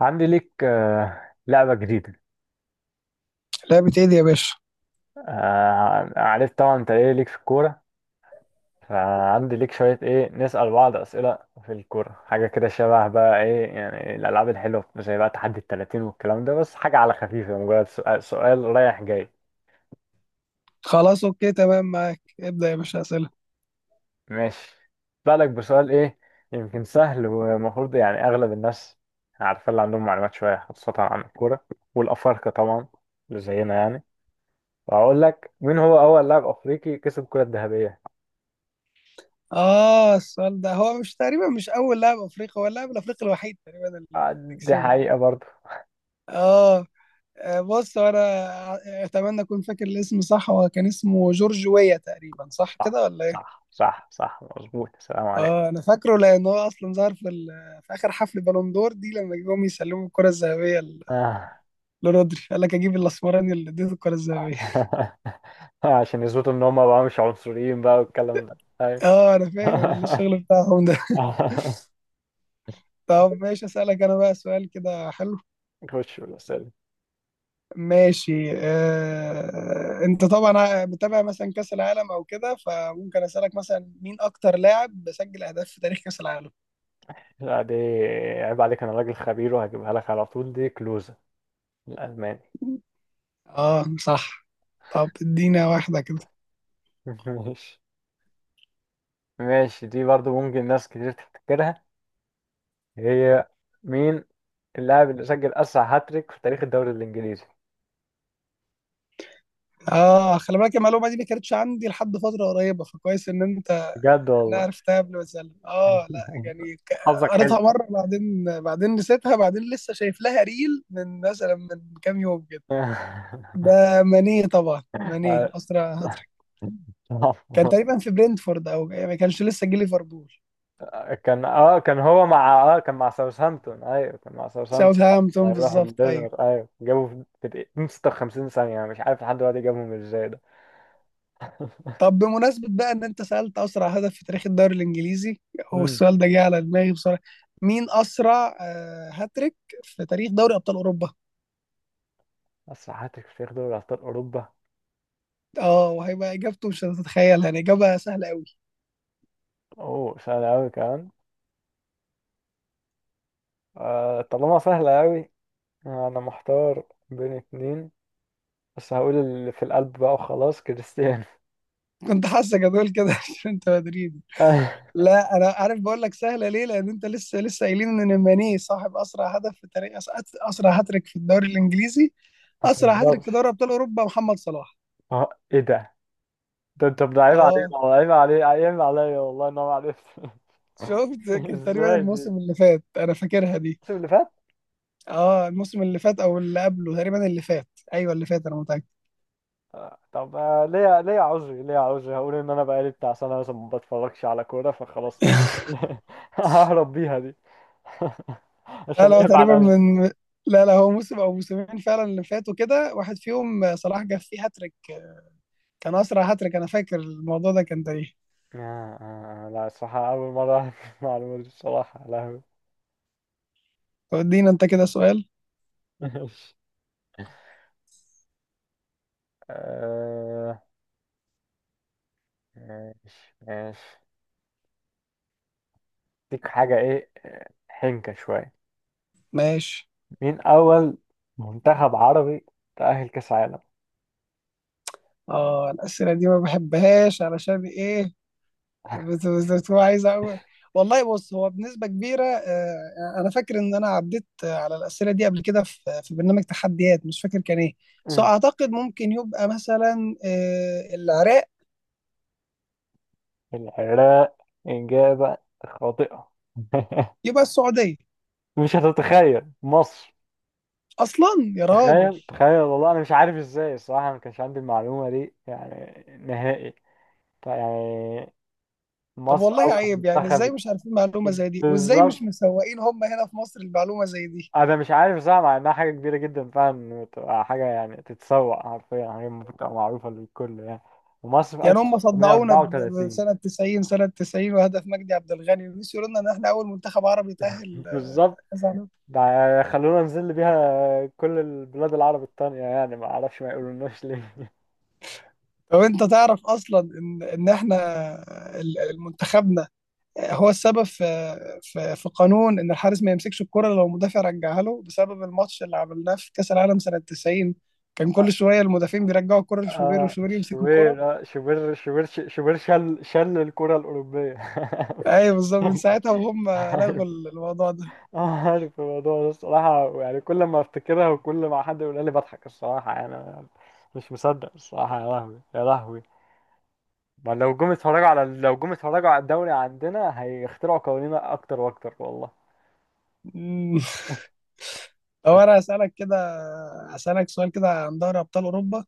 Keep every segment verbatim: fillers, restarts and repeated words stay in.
عندي ليك آه، لعبة جديدة. لعبة ايه دي يا باشا؟ آه، عارف طبعا انت ايه ليك في الكورة. فعندي ليك شوية ايه نسأل بعض أسئلة في الكورة، حاجة كده شبه بقى ايه يعني الألعاب الحلوة زي بقى تحدي التلاتين والكلام ده، بس حاجة على خفيفة، مجرد سؤال, سؤال رايح جاي. خلاص، اوكي تمام، معاك ابدأ يا باشا اسئلة. ماشي. بالك بسؤال ايه. يمكن سهل ومفروض يعني أغلب الناس عارفة اللي عندهم معلومات شوية خاصة عن الكورة، والأفارقة طبعا اللي زينا يعني. وهقول لك مين هو أول لاعب أفريقي كسب الكرة الذهبية. اه، السؤال ده هو مش تقريبا مش اول لاعب افريقي، هو اللاعب الافريقي الوحيد تقريبا آه، اللي دي كسبه. حقيقة برضه. اه، آه، بص، هو انا اتمنى اكون فاكر الاسم صح. هو كان اسمه جورج ويا، تقريبا صح صح كده ولا ايه؟ صح صح صح، مظبوط. السلام اه، عليكم. انا فاكره لان هو اصلا ظهر في ال- في اخر حفل بالون دور دي لما جم يسلموا الكرة الذهبية ل- آه. لرودري. قال لك اجيب الاسمراني اللي اديته الكرة الذهبية. عشان يثبتوا ان هم بقى مش عنصريين بقى والكلام ده، ايوه. اه، انا فاهم الشغل بتاعهم ده. طب ماشي، اسالك انا بقى سؤال كده حلو. خش بالاسئله. ماشي. آه، انت طبعا متابع مثلا كاس العالم او كده، فممكن اسالك مثلا مين اكتر لاعب سجل اهداف في تاريخ كاس العالم؟ لا دي، عيب عليك، انا راجل خبير وهجيبها لك على طول. دي كلوزة الالماني. اه صح. طب ادينا واحده كده. ماشي. ماشي دي برضو ممكن ناس كتير تفتكرها. هي مين اللاعب اللي سجل اسرع هاتريك في تاريخ الدوري الانجليزي؟ اه، خلي بالك المعلومه دي ما كانتش عندي لحد فتره قريبه، فكويس ان انت بجد إن أنا والله. عرفتها قبل ما اسالك. اه لا يعني ك- حظك حلو. قريتها مره بعدين، بعدين نسيتها، بعدين لسه شايف لها ريل من مثلا من كام يوم كده. آه، ده ماني طبعا، ماني اسرع. كان تقريبا في برينتفورد، او ما كانش لسه جه ليفربول. كان اه كان هو مع اه كان مع ساوثهامبتون، ايوه كان مع ساوثهامبتون. ساوثهامبتون هيروح بالظبط، ايوه. الدنمارك، ايوه جابوا في في دقيقتين ست وخمسين ثانية. انا مش عارف لحد دلوقتي جابهم ازاي ده. طب بمناسبة بقى ان انت سألت اسرع هدف في تاريخ الدوري الانجليزي، امم. والسؤال ده جه على دماغي بصراحة. مين اسرع آه، هاتريك في تاريخ دوري ابطال اوروبا؟ اسرع هاتريك في تاريخ دوري ابطال اوروبا. اه، وهيبقى اجابته مش هتتخيل، يعني اجابة سهلة قوي. اوه سهل قوي كمان. آه، طالما سهلة قوي، انا محتار بين اتنين، بس هقول اللي في القلب بقى وخلاص، كريستيانو. كنت حاسك هتقول كده عشان انت مدريدي. آه، لا، انا عارف، بقول لك سهلة ليه لان انت لسه لسه قايلين ان ماني صاحب اسرع هدف في تاريخ أس- اسرع هاتريك في الدوري الانجليزي. ما اسرع هاتريك في تهزرش. دوري ابطال اوروبا محمد صلاح. اه ايه ده، ده انت، ده عيب علينا، اه عيب علي، عيب عليا والله ان انا ما عرفت. شفت، كان تقريبا ازاي دي الموسم الموسم اللي فات، انا فاكرها دي. اللي فات؟ اه الموسم اللي فات او اللي قبله، تقريبا اللي فات. ايوه اللي فات، انا متاكد. آه، طب، آه، ليه؟ ليه عذري ليه عذري؟ هقول ان انا بقالي بتاع سنه مثلا ما بتفرجش على كوره فخلاص ه- ههرب بيها دي. لا عشان لا، هو عيب تقريبا عليا. من لا لا، هو موسم او موسمين فعلا اللي فاتوا كده، واحد فيهم صلاح جاب فيه هاتريك. كان اسرع هاتريك، انا فاكر الموضوع ده كان تاريخي. آه آه آه، لا، الصراحة أول مرة أعرف المعلومة دي، الصراحة لا هو. طب ادينا انت كده سؤال. ماشي. آه، ماشي ماشي. ديك حاجة إيه، آه، حنكة شوية. ماشي. مين أول منتخب عربي تأهل كأس عالم؟ اه، الاسئله دي ما بحبهاش، علشان ايه؟ بس بس بس هو عايز أقول. والله بص، هو بنسبة كبيرة آه، أنا فاكر إن أنا عديت آه، على الأسئلة دي قبل كده في في برنامج تحديات مش فاكر كان إيه. بس مم. أعتقد ممكن يبقى مثلا آه، العراق. العراق؟ إجابة خاطئة. يبقى السعودية. مش هتتخيل، مصر. أصلا، يا راجل. تخيل تخيل والله، أنا مش عارف إزاي الصراحة، أنا ما كانش عندي المعلومة دي يعني نهائي. طيب يعني طب مصر والله أول عيب، يعني إزاي منتخب. مش عارفين معلومة زي دي، وإزاي مش بالظبط. مسوقين هم هنا في مصر المعلومة زي دي؟ أنا مش عارف صح، مع إنها حاجة كبيرة جدا فعلا، تبقى حاجة يعني تتسوق حرفيا، حاجة المفروض تبقى معروفة للكل يعني. ومصر في يعني هم صدعونا ب- ألف وتسعمائة وأربعة وثلاثين. بسنة تسعين، سنة تسعين وهدف مجدي عبد الغني، ونسيوا يقولوا لنا إن إحنا أول منتخب عربي تأهل بالظبط. كذا. ده خلونا نزل بيها كل البلاد العرب التانية يعني، ما اعرفش ما يقولوناش ليه. طب انت تعرف اصلا ان ان احنا ال- المنتخبنا هو السبب في في, في قانون ان الحارس ما يمسكش الكرة لو المدافع رجعها له، بسبب الماتش اللي عملناه في كاس العالم سنة تسعين. كان كل شوية المدافعين بيرجعوا الكرة لشوبير، اه، وشوبير يمسك الكرة. شوبير. اه شوبير شوبير شوبير، شل شل الكرة الأوروبية. ايوه بالظبط، من ساعتها وهم عارف. لغوا الموضوع ده. اه عارف الموضوع ده الصراحة، يعني كل ما افتكرها وكل ما حد يقولها لي بضحك الصراحة، يعني أنا مش مصدق الصراحة. يا لهوي يا لهوي. ما لو جم اتفرجوا على لو جم اتفرجوا على الدوري عندنا هيخترعوا قوانين اكتر واكتر والله. مم. طب انا هسألك كده، هسألك سؤال كده عن دوري ابطال اوروبا.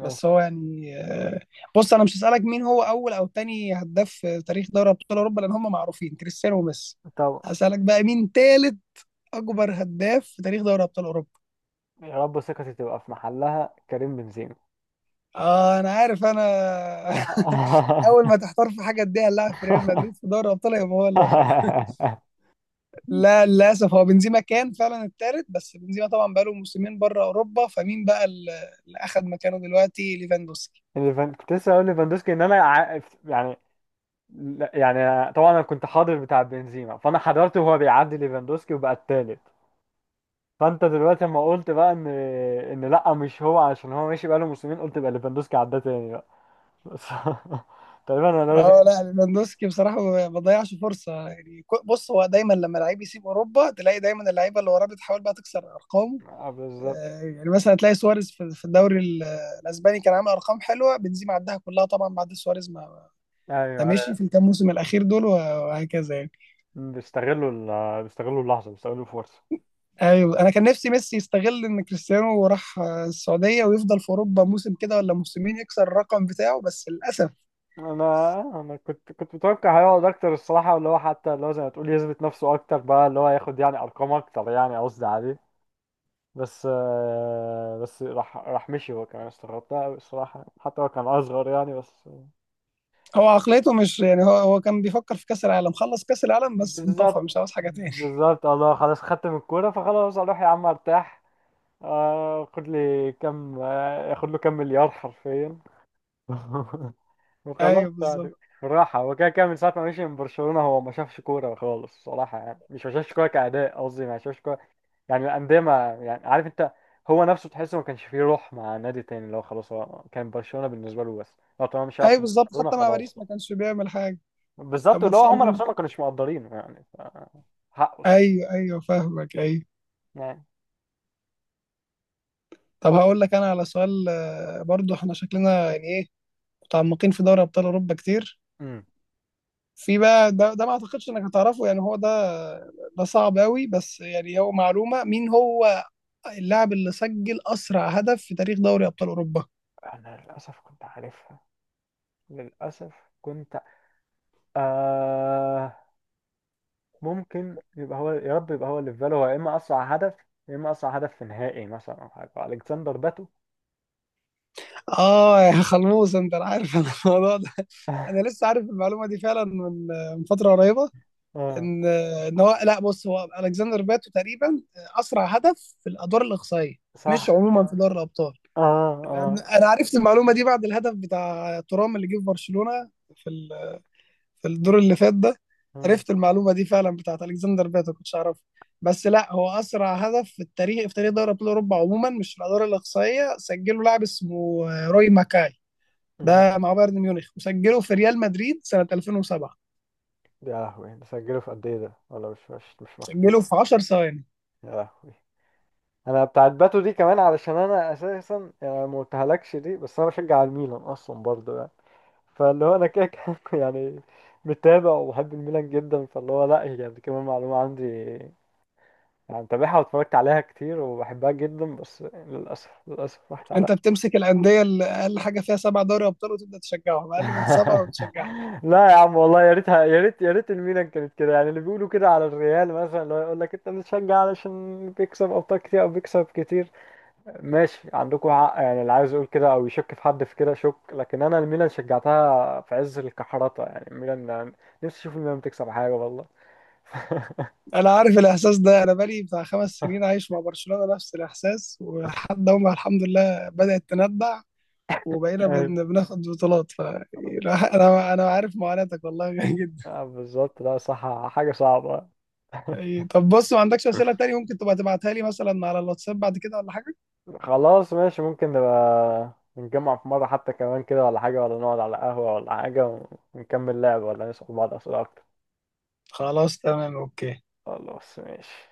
بس هو يعني آه، بص، انا مش هسألك مين هو اول او تاني هداف في تاريخ دوري ابطال اوروبا لان هم معروفين كريستيانو وميسي. طب هسألك بقى مين تالت اكبر هداف في تاريخ دوري ابطال اوروبا؟ يا رب ثقتي تبقى في محلها، كريم بنزيما. اه، انا عارف انا. اول ما تحتار في حاجه اديها اللاعب في ريال مدريد في دوري الابطال، يبقى هو اللي واخدها. لا للاسف، هو بنزيما كان فعلا التالت، بس بنزيما طبعا بقاله موسمين بره اوروبا، فمين بقى اللي اللي اخد مكانه دلوقتي؟ ليفاندوسكي. الليفان- كنت لسه اقول ليفاندوسكي ان انا ع- يعني. لا- يعني طبعا انا كنت حاضر بتاع بنزيما، فانا حضرته وهو بيعدي ليفاندوسكي وبقى التالت. فانت دلوقتي لما قلت بقى ان ان لا مش هو عشان هو ماشي بقاله موسمين، قلت بقى ليفاندوسكي عداه تاني بقى. بس. تقريبا انا لازم. اه لا، ليفاندوسكي بصراحه ما بيضيعش فرصه، يعني كو- بص، هو دايما لما لعيب يسيب اوروبا، تلاقي دايما اللعيبه اللي وراه بتحاول بقى تكسر ارقامه. آه، بالظبط. آه، يعني مثلا تلاقي سواريز في في الدوري ال- الاسباني كان عامل ارقام حلوه، بنزيما عدها كلها طبعا بعد سواريز، ما ما ايوه مشي في ايوه، الكام موسم الاخير دول وهكذا يعني. بيستغلوا ال- بيستغلوا اللحظه، بيستغلوا الفرصه. ايوه، انا كان نفسي ميسي يستغل ان كريستيانو راح آه، السعوديه، ويفضل في اوروبا موسم كده ولا موسمين يكسر الرقم بتاعه، بس للاسف. انا انا كنت كنت متوقع هيقعد اكتر الصراحه، اللي هو حتى اللي هو زي ما تقول يثبت نفسه اكتر بقى، اللي هو ياخد يعني ارقام اكتر يعني، قصدي عليه. بس آه، بس راح راح مشي هو كمان، استغربت أوي الصراحه، حتى هو كان اصغر يعني، بس. هو عقليته مش يعني، هو هو كان بيفكر في كاس العالم. خلص كاس العالم بس، انطفى بالظبط مش عاوز حاجه تاني. بالظبط. الله خلاص خدت من الكوره فخلاص اروح يا عم ارتاح. آه، خد لي كام، آه، ياخد له كام مليار حرفيا. وخلاص ايوه بعد بالظبط. بالراحة. هو كده كده من ساعة ما مشي من برشلونة هو ما شافش كورة خالص صراحة، يعني مش ما شافش كورة كأداء، قصدي ما شافش كورة يعني الأندية، ما يعني، عارف أنت. هو نفسه تحسه ما كانش فيه روح مع نادي تاني، اللي هو خلاص هو كان برشلونة بالنسبة له بس. لو طالما مش هيلعب ايوه في بالظبط، برشلونة حتى مع خلاص باريس بقى. ما كانش بيعمل حاجه. طب بالظبط، ما اللي هو تسالني هما انت. نفسهم ما كانوش مقدرينه يعني ف- حقه الصراحة ايوه، ايوه فاهمك، ايوه. يعني. طب هقول لك انا على سؤال آه، برضو احنا شكلنا يعني ايه، متعمقين في دوري ابطال اوروبا كتير. امم. في بقى ده, ده ما اعتقدش انك هتعرفه، يعني هو ده، ده صعب قوي، بس يعني هو معلومه. مين هو اللاعب اللي سجل اسرع هدف في تاريخ دوري ابطال اوروبا؟ أنا للأسف كنت عارفها، للأسف كنت آه ممكن يبقى هو، يا رب يبقى هو اللي في باله، هو يا اما اسرع هدف، يا اما اسرع هدف في نهائي مثلا او حاجه. الكسندر باتو. اه يا خلموس، انت عارف أنا الموضوع ده. انا لسه عارف المعلومه دي فعلا من آه، من فتره قريبه. اه ان ان هو لا، بص، هو الكسندر باتو تقريبا اسرع هدف في الادوار الاقصائيه، مش صح. عموما في دوري الابطال. اه اه. انا أنا عرفت المعلومه دي بعد الهدف بتاع ترام اللي جه في برشلونه في ال- في الدور اللي فات ده. مم. عرفت المعلومه دي فعلا، بتاعت الكسندر باتو كنتش اعرفها. بس لا، هو اسرع هدف في التاريخ في تاريخ دوري ابطال اوروبا عموما، مش في الادوار الاقصائيه، سجله لاعب اسمه روي ماكاي. ده مم. مع بايرن ميونخ، وسجله في ريال مدريد سنه ألفين وسبعه. يا لهوي، ده سجله في قد ايه ده، ولا مش مش مش مكتوب؟ سجله في 10 ثواني. يا لهوي. انا بتاعت باتو دي كمان، علشان انا اساسا يعني ما قلتهالكش دي، بس انا بشجع الميلان اصلا برضه يعني، فاللي هو انا كده كده يعني. متابع وبحب الميلان جدا، فاللي هو لا هي يعني كمان معلومه عندي، أنا متابعها واتفرجت عليها كتير وبحبها جدا، بس للأسف للأسف راحت على. انت بتمسك الانديه اللي اقل حاجه فيها سبع دوري ابطال وتبدا تشجعهم، اقل من سبعه ما بتشجعش. لا يا عم والله، يا ريتها، يا ريت يا ريت الميلان كانت كده يعني. اللي بيقولوا كده على الريال مثلا، اللي هو يقول لك أنت بتشجع علشان بيكسب أبطال كتير أو بيكسب كتير، ماشي عندكم حق يعني، اللي عايز يقول كده أو يشك في حد في كده شك، لكن أنا الميلان شجعتها في عز الكحرطة يعني. الميلان يعني نفسي أشوف الميلان بتكسب حاجة والله. انا عارف الاحساس ده، انا بقالي بتاع خمس سنين عايش مع برشلونه نفس الاحساس، ولحد هم الحمد لله بدات تندع، وبقينا أيوة. بن... بناخد بطولات ف انا انا عارف معاناتك والله جدا. آه، بالظبط، لا صح، حاجة صعبة. ايه، طب بص، ما عندكش اسئله تاني ممكن تبقى تبعتها لي مثلا على الواتساب بعد كده ولا حاجه؟ خلاص ماشي، ممكن نبقى نتجمع في مرة حتى كمان كده ولا حاجة، ولا نقعد على قهوة ولا حاجة، ونكمل لعب ولا نسأل بعض أسئلة أكتر. خلاص تمام اوكي. خلاص ماشي.